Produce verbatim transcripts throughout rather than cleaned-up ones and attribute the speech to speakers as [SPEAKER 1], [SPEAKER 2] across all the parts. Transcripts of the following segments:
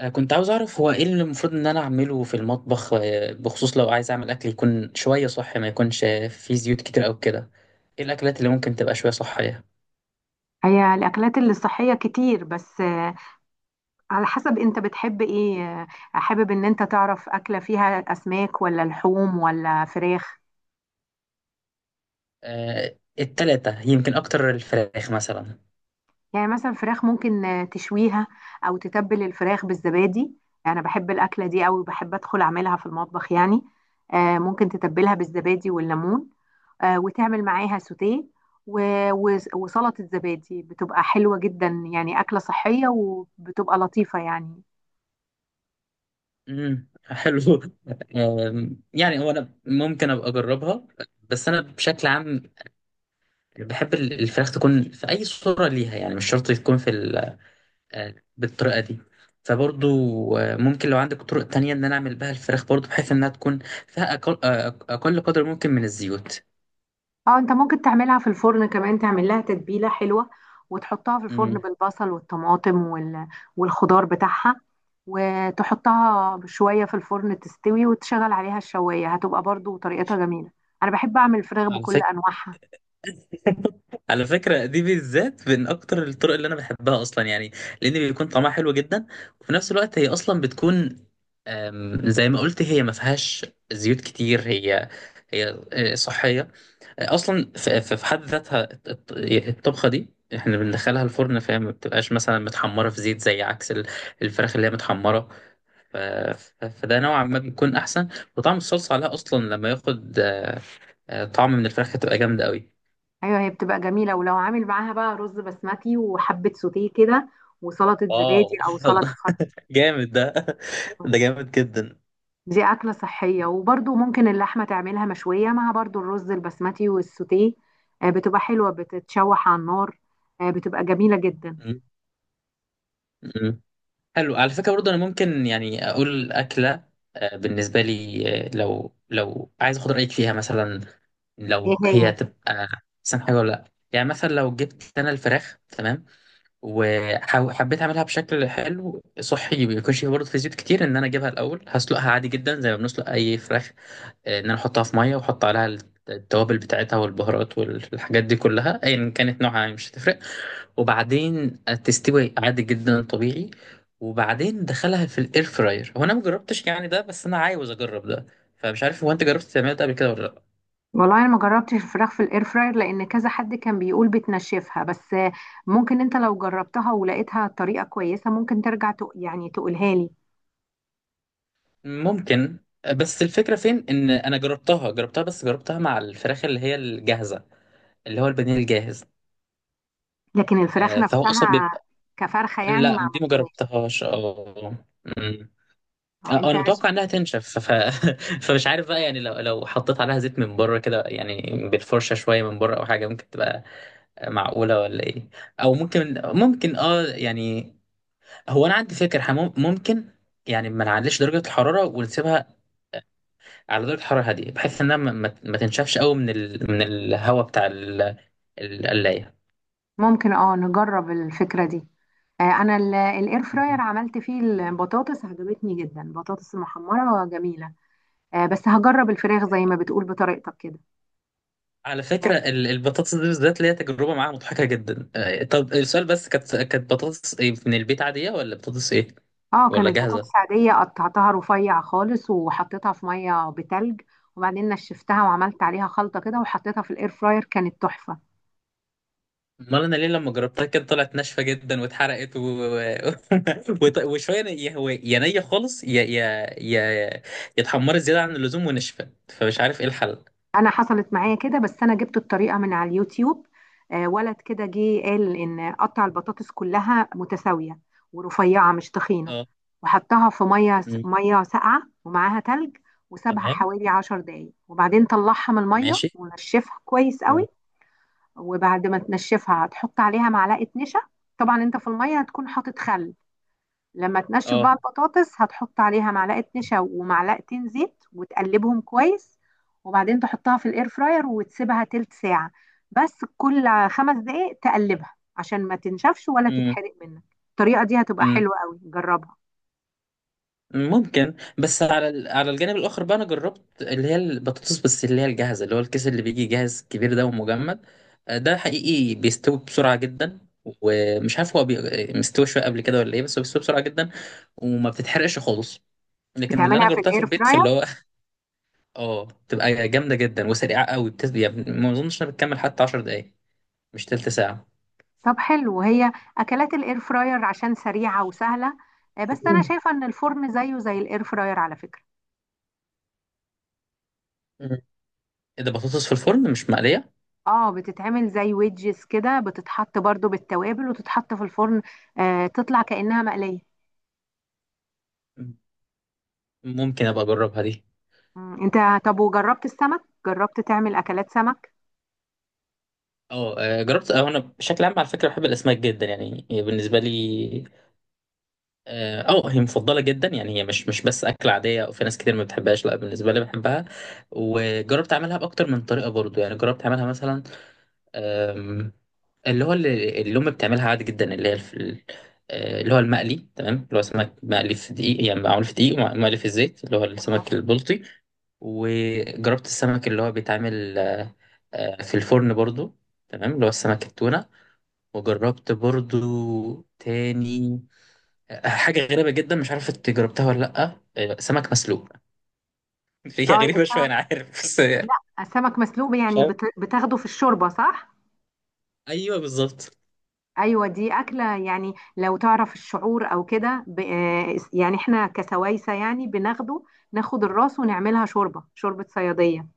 [SPEAKER 1] آه، كنت عاوز أعرف هو إيه اللي المفروض إن أنا أعمله في المطبخ، آه، بخصوص لو عايز أعمل أكل يكون شوية صحي، ما يكونش آه، فيه زيوت كتير أو كده. إيه الأكلات اللي ممكن تبقى شوية صحية؟
[SPEAKER 2] هي الأكلات اللي صحية كتير بس، آه، على حسب أنت بتحب إيه. آه، حابب إن أنت تعرف أكلة فيها أسماك ولا لحوم ولا فراخ؟
[SPEAKER 1] آه، التلاتة يمكن أكتر الفراخ مثلا.
[SPEAKER 2] يعني مثلا فراخ ممكن آه، تشويها، أو تتبل الفراخ بالزبادي. أنا بحب الأكلة دي أوي، بحب أدخل أعملها في المطبخ يعني. آه، ممكن تتبلها بالزبادي والليمون. آه، وتعمل معاها سوتيه و- و- وسلطة زبادي، بتبقى حلوة جدا يعني. أكلة صحية وبتبقى لطيفة يعني.
[SPEAKER 1] امم حلو. آم، يعني هو أنا ممكن أبقى أجربها. بس أنا بشكل عام بحب ال- الفراخ تكون في أي صورة ليها، يعني مش شرط تكون في ال آه، بالطريقة دي. فبرضو آه، ممكن لو عندك طرق تانية إن أنا أعمل بها الفراخ برضو بحيث إنها تكون فيها أقل, آه، أقل قدر ممكن من الزيوت.
[SPEAKER 2] اه انت ممكن تعملها في الفرن كمان، تعمل لها تتبيله حلوه وتحطها في الفرن
[SPEAKER 1] مم.
[SPEAKER 2] بالبصل والطماطم وال... والخضار بتاعها، وتحطها شويه في الفرن تستوي وتشغل عليها الشوايه، هتبقى برضو طريقتها جميله. انا بحب اعمل الفراخ
[SPEAKER 1] على
[SPEAKER 2] بكل
[SPEAKER 1] فكرة
[SPEAKER 2] انواعها.
[SPEAKER 1] على فكرة دي بالذات من أكتر الطرق اللي أنا بحبها أصلا يعني، لأن بيكون طعمها حلو جدا، وفي نفس الوقت هي أصلا بتكون آم، زي ما قلت هي ما فيهاش زيوت كتير. هي هي آه، صحية اصلا. في في- في حد ذاتها الط- الط- الطبخه دي احنا بندخلها الفرن، فهي ما بتبقاش مثلا متحمره في زيت، زي عكس ال- الفراخ اللي هي متحمره. ف- ف- فده نوعا ما بيكون احسن. وطعم الصلصه عليها اصلا لما ياخد آه، آه، طعم من الفراخ هتبقى جامده قوي.
[SPEAKER 2] ايوه، هي بتبقى جميله، ولو عامل معاها بقى رز بسمتي وحبه سوتيه كده وسلطه زبادي
[SPEAKER 1] واو.
[SPEAKER 2] او سلطه
[SPEAKER 1] والله
[SPEAKER 2] خضار.
[SPEAKER 1] جامد ده ده جامد جدا.
[SPEAKER 2] دي أكلة صحية، وبرضو ممكن اللحمة تعملها مشوية مع برضو الرز البسمتي والسوتيه. آه، بتبقى حلوة بتتشوح على النار. آه، بتبقى جميلة جدا.
[SPEAKER 1] م- م. حلو على فكره، برضه انا ممكن يعني اقول اكله آه، بالنسبه لي، آه، لو لو عايز اخد رايك فيها مثلا
[SPEAKER 2] ايه
[SPEAKER 1] لو هي
[SPEAKER 2] هي؟
[SPEAKER 1] هتبقى احسن حاجه ولا لا. يعني مثلا لو جبت انا الفراخ تمام وحبيت اعملها بشكل حلو صحي، بيكونش برضه في زيوت كتير، ان انا اجيبها الاول هسلقها عادي جدا زي ما بنسلق اي فراخ. آه، ان انا احطها في ميه واحط عليها التوابل بتاعتها والبهارات والحاجات دي كلها ايا كانت نوعها إيه، مش هتفرق. وبعدين تستوي عادي جدا طبيعي. وبعدين دخلها في الاير فراير، هو انا مجربتش يعني ده، بس انا عاوز اجرب ده. فمش عارف هو انت جربت تعمل ده قبل كده ولا لا؟
[SPEAKER 2] والله انا ما جربتش الفراخ في الاير فراير، لان كذا حد كان بيقول بتنشفها. بس آه، ممكن انت لو جربتها ولقيتها طريقة كويسة، ممكن ترجع تق... يعني تقولها لي.
[SPEAKER 1] ممكن، بس الفكرة فين، إن أنا جربتها جربتها بس جربتها مع الفراخ اللي هي الجاهزة، اللي هو البانيه الجاهز.
[SPEAKER 2] لكن الفراخ
[SPEAKER 1] آه، فهو أصلا
[SPEAKER 2] نفسها
[SPEAKER 1] بيبقى.
[SPEAKER 2] كفرخة يعني ما
[SPEAKER 1] لا دي ما
[SPEAKER 2] عملتهاش.
[SPEAKER 1] جربتهاش. أه. أمم.
[SPEAKER 2] اه
[SPEAKER 1] آه،
[SPEAKER 2] انت.
[SPEAKER 1] أنا متوقع إنها تنشف، ف... فمش عارف بقى، يعني لو لو حطيت عليها زيت من بره كده، يعني بالفرشة شوية من بره أو حاجة، ممكن تبقى معقولة ولا إيه؟ أو ممكن ممكن أه يعني، هو أنا عندي فكرة إحنا مم- ممكن يعني ما نعليش درجة الحرارة ونسيبها على درجة حرارة هادية، بحيث انها ما, ما ما تنشفش قوي من ال... من الهواء بتاع ال... القلاية.
[SPEAKER 2] ممكن، اه نجرب الفكرة دي. آه، انا الاير فراير
[SPEAKER 1] مهم.
[SPEAKER 2] عملت فيه البطاطس، عجبتني جدا البطاطس المحمرة جميلة. آه، بس هجرب الفراخ زي ما بتقول بطريقتك كده.
[SPEAKER 1] على
[SPEAKER 2] اه.
[SPEAKER 1] فكرة ال- البطاطس دي بالذات ليها تجربة معاها مضحكة جدا. آه، طب السؤال بس، كانت كانت بطاطس إيه، من البيت عادية ولا بطاطس ايه
[SPEAKER 2] آه،
[SPEAKER 1] ولا
[SPEAKER 2] كانت
[SPEAKER 1] جاهزة؟
[SPEAKER 2] بطاطس عادية، قطعتها رفيع خالص وحطيتها في مية بتلج، وبعدين نشفتها وعملت عليها خلطة كده وحطيتها في الاير فراير، كانت تحفة.
[SPEAKER 1] امال انا ليه لما جربتها كده طلعت ناشفة جدا واتحرقت، و... وط- وشوية ي- هو يا نية خالص، يا يا يا يا اتحمرت زيادة عن اللزوم ونشفت، فمش عارف ايه الحل.
[SPEAKER 2] انا حصلت معايا كده، بس انا جبت الطريقه من على اليوتيوب. آه، ولد كده جه قال ان قطع البطاطس كلها متساويه ورفيعه، مش تخينه.
[SPEAKER 1] اه.
[SPEAKER 2] وحطها في ميه
[SPEAKER 1] مم.
[SPEAKER 2] ميه ساقعه ومعاها تلج. وسابها
[SPEAKER 1] تمام.
[SPEAKER 2] حوالي عشر دقايق، وبعدين طلعها من الميه
[SPEAKER 1] ماشي.
[SPEAKER 2] ونشفها كويس
[SPEAKER 1] مم.
[SPEAKER 2] قوي. وبعد ما تنشفها هتحط عليها معلقه نشا. طبعا انت في الميه هتكون حاطط خل. لما تنشف بقى
[SPEAKER 1] اه.
[SPEAKER 2] البطاطس، هتحط عليها معلقة نشا ومعلقتين زيت وتقلبهم كويس. وبعدين تحطها في الاير فراير وتسيبها تلت ساعة، بس كل خمس دقايق تقلبها عشان ما تنشفش ولا تتحرق منك. الطريقة دي هتبقى
[SPEAKER 1] مم.
[SPEAKER 2] حلوة قوي، جربها.
[SPEAKER 1] ممكن، بس على ال- على الجانب الاخر بقى انا جربت اللي هي البطاطس، بس اللي هي الجاهزه اللي هو الكيس اللي بيجي جاهز كبير ده ومجمد. آه، ده حقيقي بيستوي بسرعه جدا. ومش عارف هو بي... مستوي شويه قبل كده ولا ايه، بس هو بيستوي بسرعه جدا وما بتتحرقش خالص. لكن اللي انا
[SPEAKER 2] بتعملها في
[SPEAKER 1] جربتها في
[SPEAKER 2] الاير
[SPEAKER 1] البيت في اللي
[SPEAKER 2] فراير؟
[SPEAKER 1] هو اه بتبقى جامده جدا وسريعه قوي، بتز... يعني ما اظنش انها بتكمل حتى عشر دقائق، مش تلت ساعه.
[SPEAKER 2] طب حلو، وهي اكلات الاير فراير عشان سريعة وسهلة. آه، بس انا
[SPEAKER 1] مم.
[SPEAKER 2] شايفة ان الفرن زيه زي الاير فراير على فكرة.
[SPEAKER 1] مم. ايه ده، بطاطس في الفرن مش مقليه؟
[SPEAKER 2] اه، بتتعمل زي ويدجز كده، بتتحط برضو بالتوابل وتتحط في الفرن. آه تطلع كأنها مقلية.
[SPEAKER 1] ممكن ابقى اجربها دي.
[SPEAKER 2] مم. انت طب وجربت السمك؟ جربت تعمل اكلات سمك؟
[SPEAKER 1] اه آه، جربت. اه انا بشكل عام على فكره بحب الاسماك جدا، يعني هي بالنسبه لي اه آه، هي مفضله جدا. يعني هي مش مش بس اكله عاديه او في ناس كتير ما بتحبهاش، لا بالنسبه لي بحبها. وجربت اعملها باكتر من طريقه برضو، يعني جربت اعملها مثلا آم، اللي هو اللي اللي امي بتعملها عادي جدا، اللي هي الف- ال- آه، اللي هو المقلي، تمام، اللي هو سمك مقلي في دقيق، يعني معمول في دقيق ومقلي في الزيت، اللي هو
[SPEAKER 2] اه.
[SPEAKER 1] السمك البلطي. وجربت السمك اللي هو بيتعمل آه، آه، في الفرن برضو، تمام، اللي هو السمك التونة. وجربت برضو تاني حاجة غريبة جدا، مش عارف انت جربتها ولا لأ، آه، سمك مسلوق.
[SPEAKER 2] آه،
[SPEAKER 1] هي غريبة شوية أنا
[SPEAKER 2] السمك.
[SPEAKER 1] عارف بس.
[SPEAKER 2] لا، السمك مسلوق
[SPEAKER 1] مش
[SPEAKER 2] يعني
[SPEAKER 1] عارف.
[SPEAKER 2] بت... بتاخده في الشوربة، صح؟
[SPEAKER 1] أيوه بالظبط.
[SPEAKER 2] ايوه، دي اكلة يعني لو تعرف الشعور او كده ب... آه يعني احنا كسوايسة يعني بناخده، ناخد الراس ونعملها شوربة، شوربة صيادية.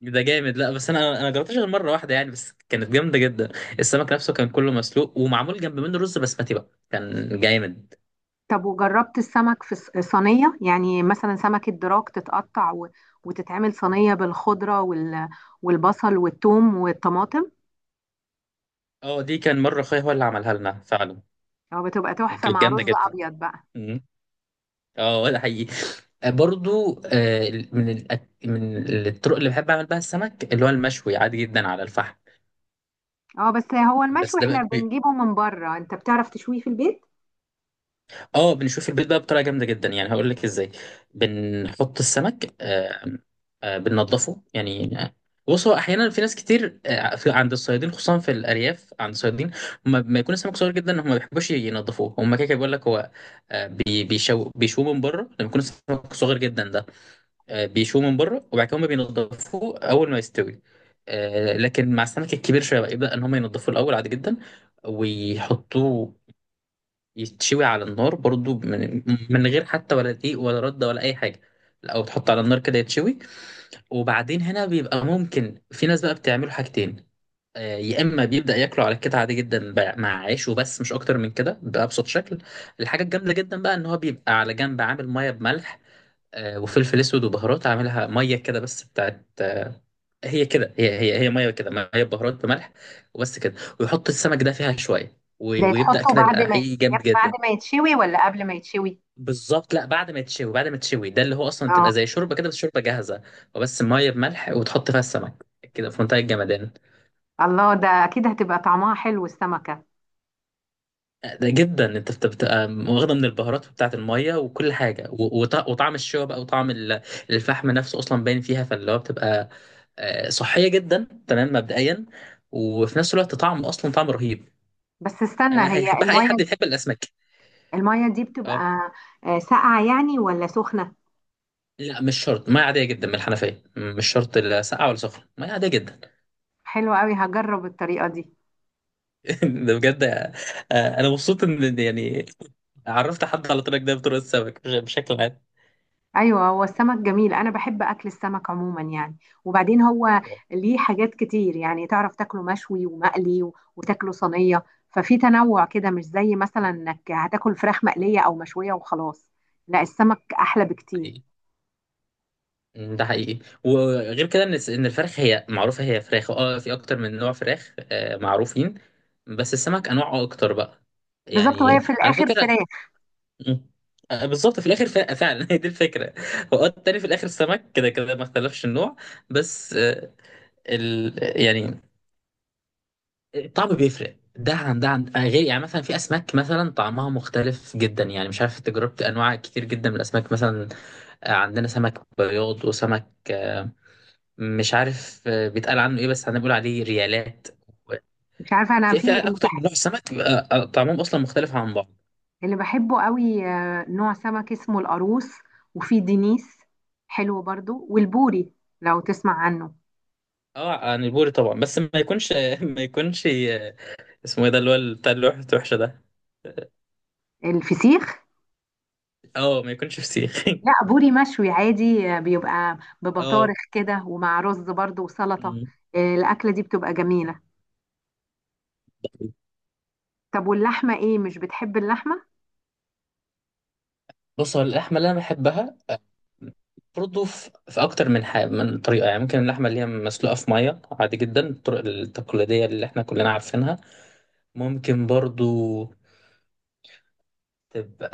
[SPEAKER 1] ده جامد، لا بس أنا أنا جربتهاش غير مرة واحدة يعني، بس كانت جامدة جدا. السمك نفسه كان كله مسلوق، ومعمول جنب منه رز بسمتي بقى، كان جامد.
[SPEAKER 2] طب وجربت السمك في الص- صينية؟ يعني مثلا سمك الدراك تتقطع و- وتتعمل صينية بالخضرة وال- والبصل والثوم والطماطم.
[SPEAKER 1] اه دي كان مرة أخويا هو اللي عملها لنا فعلا.
[SPEAKER 2] هو بتبقى تحفة
[SPEAKER 1] كانت
[SPEAKER 2] مع
[SPEAKER 1] جامدة
[SPEAKER 2] رز
[SPEAKER 1] جدا.
[SPEAKER 2] أبيض بقى.
[SPEAKER 1] مم. اه ده حقيقي. آه، برضو آه، من الأك- من الطرق اللي بحب اعمل بها السمك اللي هو المشوي عادي جدا على الفحم.
[SPEAKER 2] اه، بس هو
[SPEAKER 1] بس
[SPEAKER 2] المشوي
[SPEAKER 1] ده بقى
[SPEAKER 2] احنا
[SPEAKER 1] بي-،
[SPEAKER 2] بنجيبه من بره، انت بتعرف تشويه في البيت؟
[SPEAKER 1] اه بنشوف البيت بقى بطريقه جامده جدا، يعني هقول لك ازاي. بنحط السمك، آه، آه، بننضفه يعني، آه، بص هو احيانا في ناس كتير آه، في- عند الصيادين خصوصا، في الارياف عند الصيادين، هم لما يكون السمك صغير جدا هم ما بيحبوش ينضفوه. هم كده كده بيقول لك هو آه، بي- بيشو بيشوه من بره لما يكون السمك صغير جدا ده. آه، بيشوه من بره وبعد كده هم بينضفوه اول ما يستوي. آه، لكن مع السمك الكبير شويه بقى، يبدا ان هم ينضفوه الاول عادي جدا، ويحطوه يتشوي على النار برضو، من, من غير حتى ولا دقيق ولا رده ولا اي حاجه. او تحط على النار كده يتشوي. وبعدين هنا بيبقى ممكن في ناس بقى بتعمله حاجتين، آه، يا اما بيبدا ياكله على كده عادي جدا بقى مع عيش وبس، مش اكتر من كده بابسط شكل. الحاجه الجامده جدا بقى ان هو بيبقى على جنب عامل ميه بملح آه، وفلفل اسود وبهارات، عاملها ميه كده بس بتاعت آه، هي كده، هي هي هي ميه كده، ميه بهارات بملح وبس كده. ويحط السمك ده فيها شويه،
[SPEAKER 2] ده
[SPEAKER 1] و- ويبدا
[SPEAKER 2] يتحطه
[SPEAKER 1] كده
[SPEAKER 2] بعد
[SPEAKER 1] يبقى
[SPEAKER 2] ما ي-
[SPEAKER 1] حقيقي جامد
[SPEAKER 2] بعد
[SPEAKER 1] جدا.
[SPEAKER 2] ما يتشوي ولا قبل ما يتشوي؟
[SPEAKER 1] بالظبط، لا بعد ما يتشوي، بعد ما تشوي ده اللي هو اصلا
[SPEAKER 2] اه.
[SPEAKER 1] تبقى زي شوربه كده بس شوربه جاهزه، وبس ميه بملح وتحط فيها السمك كده في منتهى الجمدان.
[SPEAKER 2] الله، ده اكيد هتبقى طعمها حلو السمكة.
[SPEAKER 1] ده جدا، انت بت- بتبقى واخده من البهارات، بتاعه الميه وكل حاجه، و- وط- وطعم الشوربه بقى، وطعم ال- الفحم نفسه اصلا باين فيها، فاللي هو بتبقى آه، صحيه جدا تمام مبدئيا، وفي نفس الوقت طعم، اصلا طعم رهيب.
[SPEAKER 2] بس استنى،
[SPEAKER 1] آه،
[SPEAKER 2] هي
[SPEAKER 1] هيحبها اي حد
[SPEAKER 2] المية.
[SPEAKER 1] يحب الاسماك.
[SPEAKER 2] المية دي
[SPEAKER 1] اه.
[SPEAKER 2] بتبقى آه، ساقعة يعني ولا سخنة؟
[SPEAKER 1] لا مش شرط، ميه عاديه جدا من الحنفيه، مش شرط لا ساقعه ولا سخنه، ميه عاديه جدا.
[SPEAKER 2] حلوة قوي، هجرب الطريقة دي.
[SPEAKER 1] ده بجد، آه، انا مبسوط ان يعني عرفت حد على طريقك ده بطرق السمك بشكل
[SPEAKER 2] ايوه، هو السمك جميل، انا بحب اكل السمك عموما يعني. وبعدين هو
[SPEAKER 1] عام.
[SPEAKER 2] ليه حاجات كتير، يعني تعرف تاكله مشوي ومقلي و- وتاكله صينيه. ففي تنوع كده، مش زي مثلا انك هتاكل فراخ مقليه او مشويه وخلاص. لا، السمك احلى بكتير.
[SPEAKER 1] مم، ده حقيقي. وغير كده، ان الس- ان الفراخ هي معروفه، هي فراخ، اه في اكتر من نوع فراخ آه، معروفين. بس السمك انواعه اكتر بقى،
[SPEAKER 2] بالظبط، وهي
[SPEAKER 1] يعني
[SPEAKER 2] في
[SPEAKER 1] على
[SPEAKER 2] الاخر
[SPEAKER 1] فكره.
[SPEAKER 2] فراخ.
[SPEAKER 1] مم، آه، بالظبط في الاخر ف- فعلا. هي دي الفكره، هو آه، التاني في الاخر السمك كده كده ما اختلفش النوع، بس آه، ال... يعني الطعم بيفرق ده عن ده عن آه، غير يعني مثلا في اسماك مثلا طعمها مختلف جدا، يعني مش عارف انت جربت انواع كتير جدا من الاسماك مثلا. آه، عندنا سمك بياض وسمك آه، مش عارف آه، بيتقال عنه ايه، بس هنقول عليه ريالات.
[SPEAKER 2] مش عارفه انا
[SPEAKER 1] في
[SPEAKER 2] في
[SPEAKER 1] في
[SPEAKER 2] اللي
[SPEAKER 1] اكتر من
[SPEAKER 2] بحب.
[SPEAKER 1] نوع سمك بيبقى آه، طعمهم اصلا مختلف عن بعض.
[SPEAKER 2] اللي بحبه قوي آه، نوع سمك اسمه القاروص. وفي دينيس، حلو برضو. والبوري، لو تسمع عنه.
[SPEAKER 1] اه، عن البوري طبعا، بس ما يكونش ما يكونش آه، اسمه ايه ده اللي هو بتاع اللوحة وحشه ده.
[SPEAKER 2] الفسيخ؟
[SPEAKER 1] اه آه، ما يكونش فسيخ.
[SPEAKER 2] لا، بوري مشوي عادي آه، بيبقى
[SPEAKER 1] اه
[SPEAKER 2] ببطارخ كده، ومع رز برضو وسلطة. آه، الأكلة دي بتبقى جميلة. طب واللحمة ايه، مش بتحب اللحمة؟
[SPEAKER 1] بص، هو اللحمه اللي انا بحبها آه، برضه في في اكتر من حاجه من طريقه. يعني ممكن اللحمه اللي هي مسلوقه في ميه عادي جدا، الطرق التقليديه اللي احنا كلنا عارفينها. ممكن برضو تبقى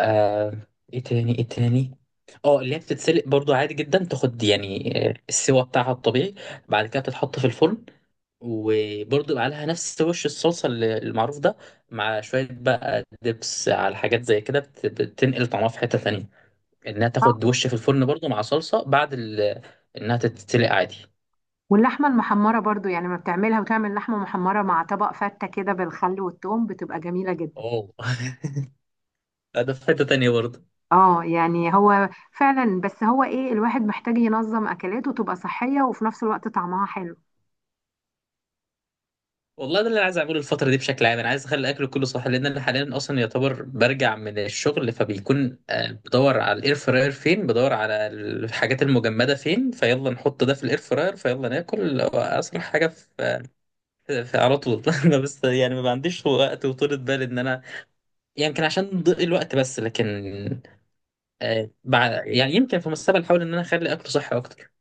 [SPEAKER 1] ايه تاني، ايه تاني؟ اه اللي هي بتتسلق برضو عادي جدا، تاخد يعني السوا بتاعها الطبيعي. بعد كده بتتحط في الفرن، وبرضو يبقى عليها نفس وش الصلصة اللي- المعروف ده، مع شوية بقى دبس على حاجات زي كده، بت- بتنقل طعمها في حتة تانية، انها
[SPEAKER 2] آه،
[SPEAKER 1] تاخد وش في الفرن برضو مع صلصة بعد ال... انها تتسلق عادي.
[SPEAKER 2] واللحمة المحمرة برضو، يعني ما بتعملها وتعمل لحمة محمرة مع طبق فتة كده بالخل والثوم، بتبقى جميلة جدا.
[SPEAKER 1] اه. ده في حتة تانية برضو.
[SPEAKER 2] اه يعني هو فعلا. بس هو ايه، الواحد محتاج ينظم أكلاته تبقى صحية وفي نفس الوقت طعمها حلو.
[SPEAKER 1] والله، ده اللي انا عايز اعمله الفتره دي بشكل عام. انا عايز اخلي اكل كله صح، لان انا حاليا اصلا يعتبر برجع من الشغل، فبيكون آه، بدور على الاير فراير فين، بدور على الحاجات المجمده فين، فيلا نحط ده في الاير فراير فيلا ناكل، هو اسرع حاجه في, في في- على طول. أنا بس يعني ما عنديش وقت وطولة بال ان انا، يمكن عشان ضيق الوقت، بس لكن آه، بع- يعني يمكن في المستقبل احاول ان انا اخلي اكل صحي اكتر.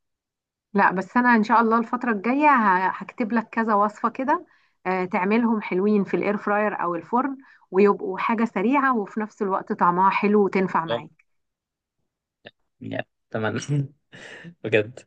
[SPEAKER 2] لا، بس انا ان شاء الله الفتره الجايه ه- هكتب لك كذا وصفه كده. آه، تعملهم حلوين في الاير فراير او الفرن، ويبقوا حاجه سريعه وفي نفس الوقت طعمها حلو وتنفع
[SPEAKER 1] والله
[SPEAKER 2] معاك.
[SPEAKER 1] يعني اتمنى. بجد.